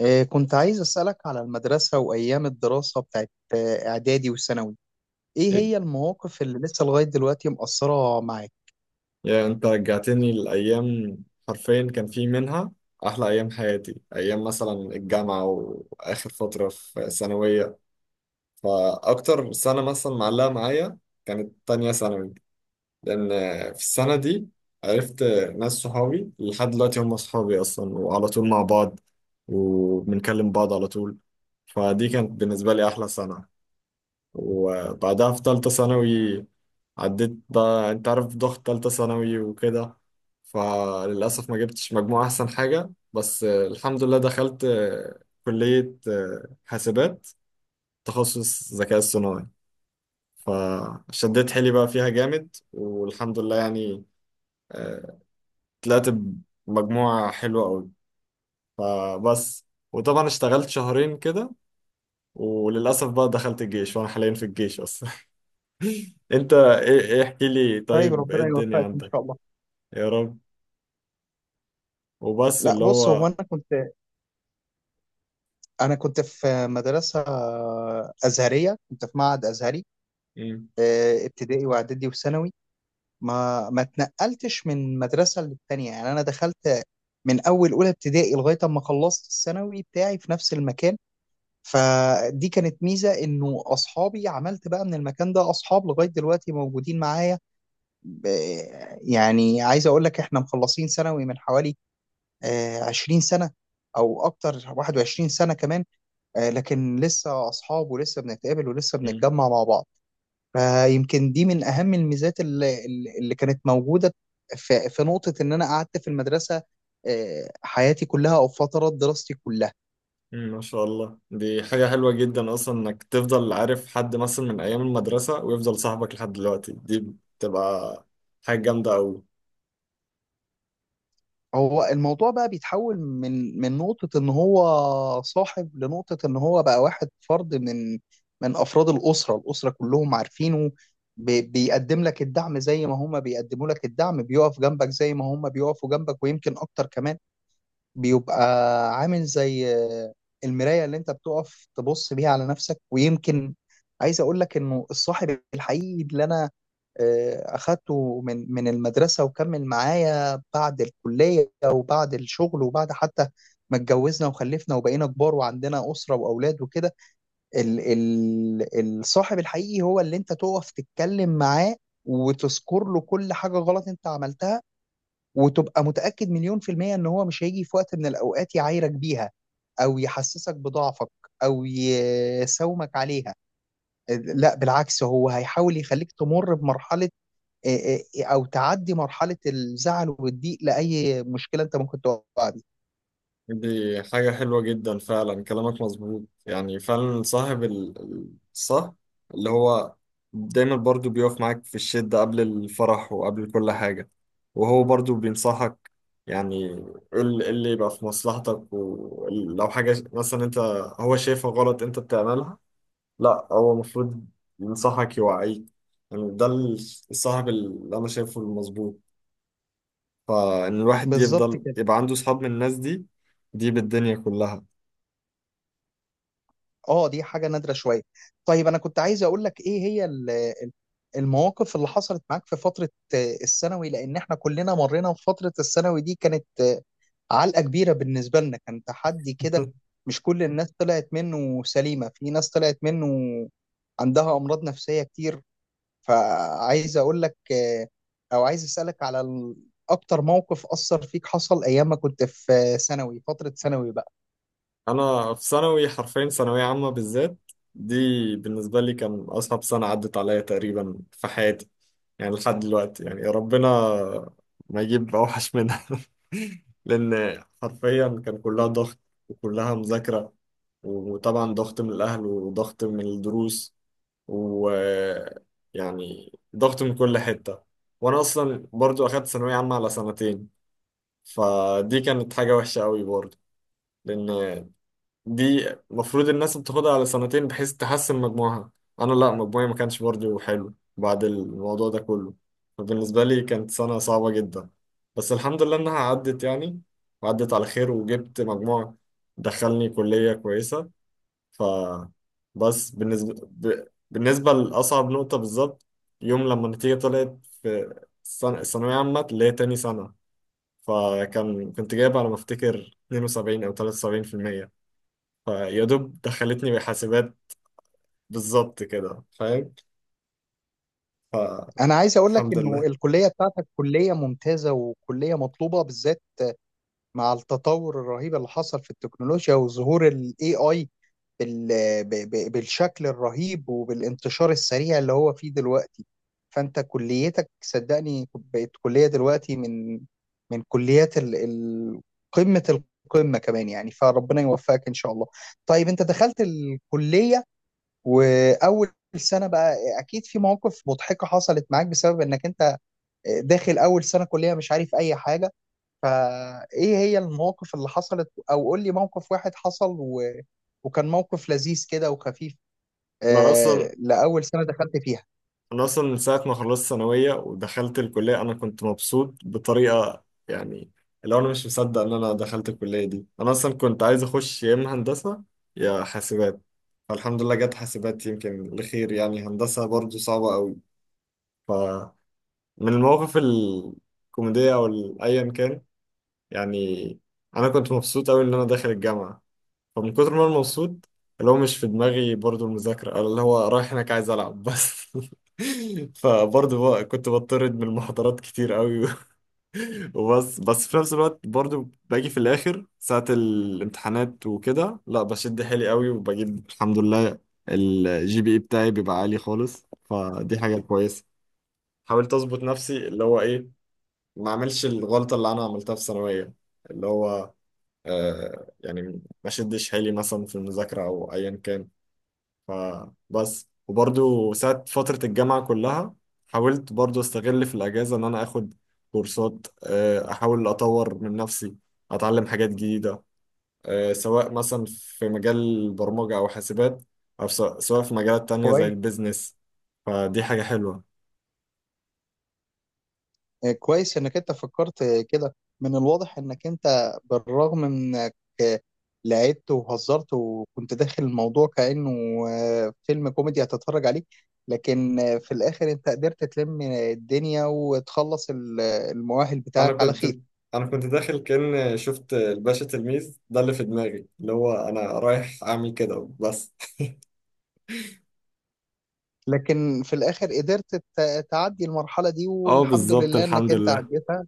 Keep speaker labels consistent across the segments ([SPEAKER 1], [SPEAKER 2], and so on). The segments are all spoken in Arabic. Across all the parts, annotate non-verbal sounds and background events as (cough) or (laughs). [SPEAKER 1] كنت عايز أسألك على المدرسة وأيام الدراسة بتاعت إعدادي وثانوي. إيه هي المواقف اللي لسه لغاية دلوقتي مأثرة معاك؟
[SPEAKER 2] يا انت رجعتني لأيام. حرفيا كان في منها أحلى أيام حياتي، أيام مثلا الجامعة وآخر فترة في ثانوية. فأكتر سنة مثلا معلقة معايا كانت تانية ثانوي، لأن في السنة دي عرفت ناس صحابي لحد دلوقتي هم صحابي أصلا، وعلى طول مع بعض وبنكلم بعض على طول. فدي كانت بالنسبة لي أحلى سنة. وبعدها في تالتة ثانوي عديت بقى، انت عارف ضغط تالتة ثانوي وكده. فللأسف ما جبتش مجموع أحسن حاجة، بس الحمد لله دخلت كلية حاسبات تخصص ذكاء اصطناعي. فشديت حيلي بقى فيها جامد والحمد لله يعني، آه، طلعت بمجموعة حلوة أوي. فبس. وطبعا اشتغلت شهرين كده، وللأسف بقى دخلت الجيش وأنا حاليا في الجيش أصلا. انت ايه- ايه، احكي لي
[SPEAKER 1] طيب
[SPEAKER 2] طيب، ايه
[SPEAKER 1] ربنا
[SPEAKER 2] الدنيا
[SPEAKER 1] يوفقك إن
[SPEAKER 2] عندك؟
[SPEAKER 1] شاء الله.
[SPEAKER 2] يا رب. وبس
[SPEAKER 1] لا
[SPEAKER 2] اللي
[SPEAKER 1] بص، هو
[SPEAKER 2] هو
[SPEAKER 1] أنا كنت في مدرسة أزهرية، كنت في معهد أزهري،
[SPEAKER 2] مم،
[SPEAKER 1] ابتدائي وإعدادي وثانوي. ما اتنقلتش من مدرسة للتانية، يعني أنا دخلت من أول أولى ابتدائي لغاية أما خلصت الثانوي بتاعي في نفس المكان. فدي كانت ميزة، انه اصحابي عملت بقى من المكان ده اصحاب لغاية دلوقتي موجودين معايا. ب- يعني عايز اقول لك احنا مخلصين ثانوي من حوالي 20 سنة او اكتر، 21 سنة كمان. لكن لسه اصحاب ولسه بنتقابل ولسه
[SPEAKER 2] مم،
[SPEAKER 1] بنتجمع مع بعض. فيمكن دي من اهم الميزات اللي كانت موجودة في نقطة ان انا قعدت في المدرسة حياتي كلها او فترات دراستي كلها.
[SPEAKER 2] ما شاء الله، دي حاجة حلوة جدا اصلا انك تفضل عارف حد مثلا من ايام المدرسة ويفضل صاحبك لحد دلوقتي، دي بتبقى حاجة جامدة اوي.
[SPEAKER 1] هو الموضوع بقى بيتحول من نقطة إن هو صاحب لنقطة إن هو بقى واحد فرد من أفراد الأسرة، الأسرة كلهم عارفينه. بيقدم لك الدعم زي ما هما بيقدموا لك الدعم، بيقف جنبك زي ما هما بيقفوا جنبك ويمكن أكتر كمان. بيبقى عامل زي المراية اللي انت بتقف تبص بيها على نفسك، ويمكن عايز اقول لك انه الصاحب الحقيقي اللي انا اخدته من المدرسة وكمل معايا بعد الكلية وبعد الشغل وبعد حتى ما اتجوزنا وخلفنا وبقينا كبار وعندنا أسرة وأولاد وكده. ال ال الصاحب الحقيقي هو اللي انت تقف تتكلم معاه وتذكر له كل حاجة غلط انت عملتها، وتبقى متأكد مليون في المية ان هو مش هيجي في وقت من الاوقات يعايرك بيها، او يحسسك بضعفك، او يساومك عليها. لا بالعكس، هو هيحاول يخليك تمر بمرحلة او تعدي مرحلة الزعل والضيق لأي مشكلة انت ممكن تقع بيها.
[SPEAKER 2] دي حاجة حلوة جدا فعلا، كلامك مظبوط يعني، فعلا صاحب الصح اللي هو دايما برضو بيقف معاك في الشدة قبل الفرح وقبل كل حاجة. وهو برضو بينصحك يعني، اللي يبقى في مصلحتك، ولو حاجة مثلا انت هو شايفها غلط انت بتعملها، لا هو المفروض ينصحك يوعيك. يعني ده الصاحب اللي انا شايفه المظبوط، فان الواحد
[SPEAKER 1] بالظبط
[SPEAKER 2] يفضل
[SPEAKER 1] كده.
[SPEAKER 2] يبقى عنده صحاب من الناس دي، دي بالدنيا كلها.
[SPEAKER 1] اه دي حاجه نادره شويه. طيب انا كنت عايز اقول لك ايه هي المواقف اللي حصلت معاك في فتره الثانوي، لان احنا كلنا مرينا في فتره الثانوي دي، كانت علقه كبيره بالنسبه لنا، كان تحدي كده. مش كل الناس طلعت منه سليمه، في ناس طلعت منه عندها امراض نفسيه كتير. فعايز اقول لك او عايز اسالك على اكتر موقف اثر فيك حصل ايام ما كنت في ثانوي، فتره ثانوي بقى.
[SPEAKER 2] انا في ثانوي حرفيا، ثانويه عامه بالذات دي، بالنسبه لي كان اصعب سنه عدت عليا تقريبا في حياتي. يعني لحد دلوقتي يعني ربنا ما يجيب اوحش منها. (laughs) لان حرفيا كان كلها ضغط وكلها مذاكره، وطبعا ضغط من الاهل وضغط من الدروس و، يعني ضغط من كل حته. وانا اصلا برضو اخدت ثانويه عامه على سنتين، فدي كانت حاجه وحشه قوي برضو، لان دي المفروض الناس بتاخدها على سنتين بحيث تحسن مجموعها. انا لا، مجموعي ما كانش برضه حلو بعد الموضوع ده كله. فبالنسبة لي كانت سنة صعبة جدا، بس الحمد لله انها عدت يعني، وعدت على خير وجبت مجموع دخلني كلية كويسة. ف، بس بالنسبة بالنسبة لأصعب نقطة بالظبط، يوم لما النتيجة طلعت في السنة الثانوية عامة اللي هي تاني سنة، فكان كنت جايب على ما افتكر 72 او 73%، فيا دوب دخلتني بحاسبات بالظبط كده فاهم.
[SPEAKER 1] انا عايز اقول لك
[SPEAKER 2] فالحمد
[SPEAKER 1] انه
[SPEAKER 2] لله.
[SPEAKER 1] الكليه بتاعتك كليه ممتازه وكليه مطلوبه، بالذات مع التطور الرهيب اللي حصل في التكنولوجيا وظهور الاي اي بالشكل الرهيب وبالانتشار السريع اللي هو فيه دلوقتي. فانت كليتك صدقني بقت كليه دلوقتي من من كليات قمه القمه كمان، يعني فربنا يوفقك ان شاء الله. طيب انت دخلت الكليه واول سنه بقى اكيد في مواقف مضحكه حصلت معاك بسبب انك انت داخل اول سنه كليه مش عارف اي حاجه. فايه هي المواقف اللي حصلت او قول لي موقف واحد حصل وكان موقف لذيذ كده وخفيف
[SPEAKER 2] انا
[SPEAKER 1] آه
[SPEAKER 2] اصلا
[SPEAKER 1] لاول سنه دخلت فيها.
[SPEAKER 2] انا اصلا من ساعه ما خلصت ثانويه ودخلت الكليه انا كنت مبسوط بطريقه يعني، اللي هو انا مش مصدق ان انا دخلت الكليه دي. انا اصلا كنت عايز اخش يا اما هندسه يا حاسبات، فالحمد لله جت حاسبات يمكن لخير يعني، هندسه برضو صعبه قوي. فمن المواقف الكوميديه او ايا كان يعني، انا كنت مبسوط قوي ان انا داخل الجامعه، فمن كتر ما انا مبسوط، اللي هو مش في دماغي برضو المذاكرة أو اللي هو رايح هناك عايز ألعب بس. (laughs) فبرضو بقى كنت بطرد من المحاضرات كتير قوي. (laughs) وبس في نفس الوقت برضو باجي في الآخر ساعة الامتحانات وكده، لا بشد حيلي قوي وبجيب الحمد لله الجي بي اي بتاعي بيبقى عالي خالص، فدي حاجة كويسة. حاولت أظبط نفسي اللي هو إيه، ما أعملش الغلطة اللي أنا عملتها في ثانوية، اللي هو يعني ما شدش حيلي مثلا في المذاكرة أو أيا كان. فبس. وبرضو ساعة فترة الجامعة كلها حاولت برضو استغل في الأجازة إن أنا آخد كورسات، أحاول أطور من نفسي، أتعلم حاجات جديدة، سواء مثلا في مجال البرمجة أو حاسبات، أو سواء في مجالات تانية زي
[SPEAKER 1] كويس.
[SPEAKER 2] البيزنس. فدي حاجة حلوة.
[SPEAKER 1] آه كويس انك انت فكرت كده. من الواضح انك انت بالرغم من انك آه، لعبت وهزرت وكنت داخل الموضوع كانه آه فيلم كوميدي هتتفرج عليه. لكن في الاخر انت قدرت تلم الدنيا وتخلص المؤهل
[SPEAKER 2] انا
[SPEAKER 1] بتاعك على
[SPEAKER 2] كنت
[SPEAKER 1] خير.
[SPEAKER 2] انا كنت داخل كأن شفت الباشا تلميذ ده اللي في دماغي، اللي هو انا رايح اعمل كده بس.
[SPEAKER 1] لكن في الاخر قدرت تعدي المرحله دي،
[SPEAKER 2] اه
[SPEAKER 1] والحمد
[SPEAKER 2] بالظبط
[SPEAKER 1] لله انك
[SPEAKER 2] الحمد
[SPEAKER 1] انت
[SPEAKER 2] لله.
[SPEAKER 1] عديتها.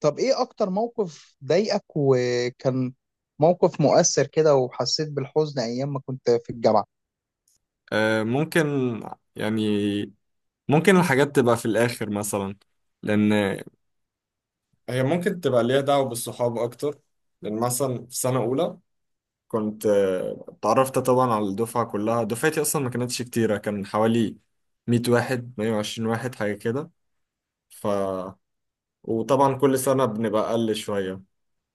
[SPEAKER 1] طب ايه اكتر موقف ضايقك وكان موقف مؤثر كده وحسيت بالحزن ايام ما كنت في الجامعه؟
[SPEAKER 2] آه، ممكن يعني، ممكن الحاجات تبقى في الآخر مثلا، لأن هي ممكن تبقى ليها دعوة بالصحاب أكتر. لأن مثلا في سنة أولى كنت اتعرفت طبعا على الدفعة كلها، دفعتي أصلا ما كانتش كتيرة، كان حوالي 100 واحد 120 واحد حاجة كده. ف، وطبعا كل سنة بنبقى أقل شوية،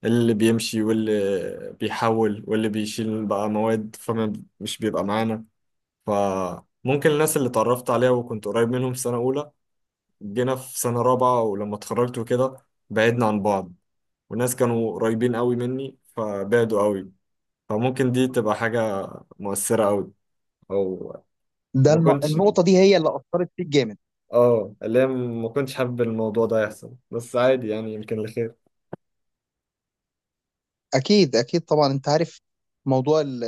[SPEAKER 2] اللي بيمشي واللي بيحول واللي بيشيل بقى مواد فمش بيبقى معانا. فممكن الناس اللي اتعرفت عليها وكنت قريب منهم في سنة أولى، جينا في سنة رابعة ولما اتخرجت وكده بعدنا عن بعض، وناس كانوا قريبين قوي مني فبعدوا قوي، فممكن دي تبقى حاجة مؤثرة قوي. أو ما كنتش،
[SPEAKER 1] النقطه دي هي اللي اثرت فيك جامد؟
[SPEAKER 2] اه اللي هي ما كنتش حابب الموضوع ده يحصل، بس عادي يعني يمكن لخير.
[SPEAKER 1] اكيد طبعا. انت عارف موضوع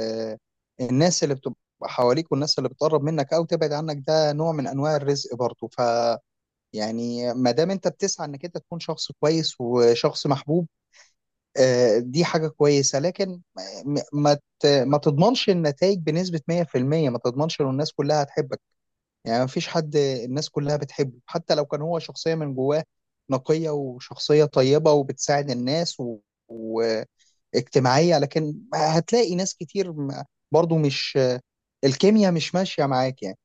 [SPEAKER 1] الناس اللي بتبقى حواليك، والناس اللي بتقرب منك او تبعد عنك، ده نوع من انواع الرزق برضه. يعني ما دام انت بتسعى انك انت تكون شخص كويس وشخص محبوب، دي حاجة كويسة. لكن م- ما ما تضمنش النتائج بنسبة 100%، ما تضمنش ان الناس كلها هتحبك. يعني ما فيش حد الناس كلها بتحبه، حتى لو كان هو شخصية من جواه نقية وشخصية طيبة وبتساعد الناس واجتماعية. لكن هتلاقي ناس كتير م- برضو مش الكيمياء مش ماشية معاك يعني.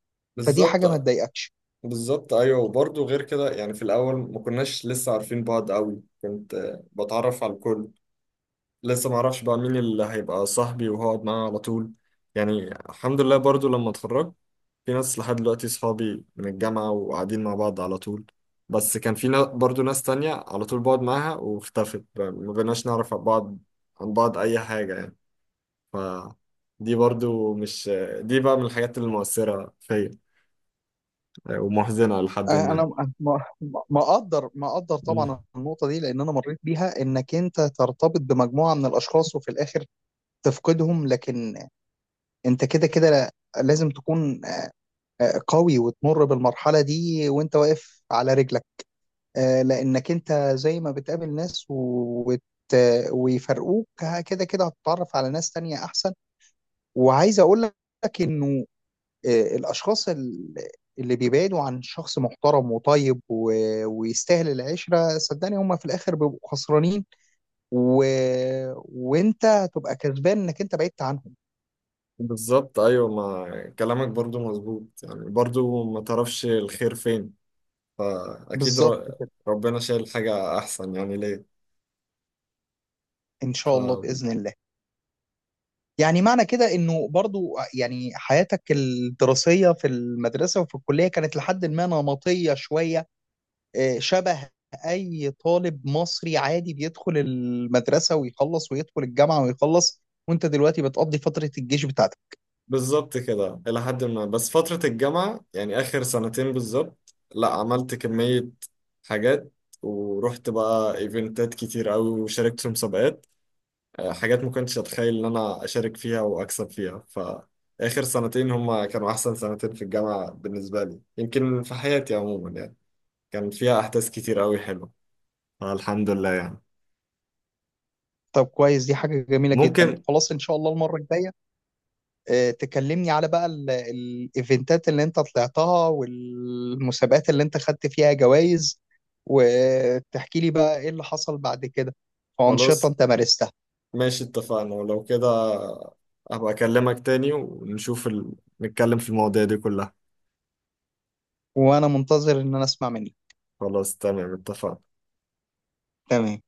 [SPEAKER 1] فدي حاجة ما
[SPEAKER 2] بالظبط،
[SPEAKER 1] تضايقكش.
[SPEAKER 2] بالظبط ايوه. وبرضه غير كده يعني، في الاول ما كناش لسه عارفين بعض قوي، كنت بتعرف على الكل، لسه ما اعرفش بقى مين اللي هيبقى صاحبي وهقعد معاه على طول. يعني الحمد لله برضو لما اتخرجت في ناس لحد دلوقتي صحابي من الجامعة وقاعدين مع بعض على طول. بس كان في برضو ناس تانية على طول بقعد معاها واختفت بقى، ما بقيناش نعرف عن بعض عن بعض أي حاجة يعني. ف، دي برضو مش، دي بقى من الحاجات المؤثرة فيا ومحزنة لحد
[SPEAKER 1] انا
[SPEAKER 2] ما.
[SPEAKER 1] ما اقدر
[SPEAKER 2] مم.
[SPEAKER 1] طبعا النقطه دي، لان انا مريت بيها، انك انت ترتبط بمجموعه من الاشخاص وفي الاخر تفقدهم. لكن انت كده كده لازم تكون قوي وتمر بالمرحله دي وانت واقف على رجلك. لانك انت زي ما بتقابل ناس ويفرقوك، كده كده هتتعرف على ناس تانية احسن. وعايز اقول لك انه الاشخاص اللي بيبعدوا عن شخص محترم وطيب ويستاهل العشره، صدقني هم في الاخر بيبقوا خسرانين، و... وانت هتبقى كسبان انك انت بعدت عنهم.
[SPEAKER 2] بالظبط أيوة، ما كلامك برضو مظبوط يعني، برضو ما تعرفش الخير فين، فأكيد
[SPEAKER 1] بالظبط كده.
[SPEAKER 2] ربنا شايل حاجة أحسن يعني ليه.
[SPEAKER 1] ان شاء الله
[SPEAKER 2] ف-
[SPEAKER 1] باذن الله. يعني معنى كده انه برضو يعني حياتك الدراسيه في المدرسه وفي الكليه كانت لحد ما نمطيه شويه، شبه اي طالب مصري عادي بيدخل المدرسه ويخلص ويدخل الجامعه ويخلص، وانت دلوقتي بتقضي فتره الجيش بتاعتك.
[SPEAKER 2] بالظبط كده إلى حد ما، بس فترة الجامعة يعني آخر سنتين بالظبط لا عملت كمية حاجات، ورحت بقى إيفنتات كتير أوي وشاركت في مسابقات، حاجات ما كنتش أتخيل إن أنا أشارك فيها وأكسب فيها. فآخر سنتين هما كانوا أحسن سنتين في الجامعة بالنسبة لي، يمكن في حياتي عموما يعني، كان فيها أحداث كتير أوي حلوة، فالحمد لله يعني.
[SPEAKER 1] طب كويس، دي حاجة جميلة جدا.
[SPEAKER 2] ممكن.
[SPEAKER 1] خلاص إن شاء الله المرة الجاية تكلمني على بقى الإيفنتات اللي أنت طلعتها والمسابقات اللي أنت خدت فيها جوائز، وتحكي لي بقى إيه اللي حصل بعد كده وأنشطة
[SPEAKER 2] خلاص
[SPEAKER 1] أنت مارستها.
[SPEAKER 2] ماشي اتفقنا، ولو كده هبقى اكلمك تاني ونشوف نتكلم في المواضيع دي كلها.
[SPEAKER 1] وأنا منتظر إن أنا أسمع منك.
[SPEAKER 2] خلاص تمام اتفقنا.
[SPEAKER 1] تمام.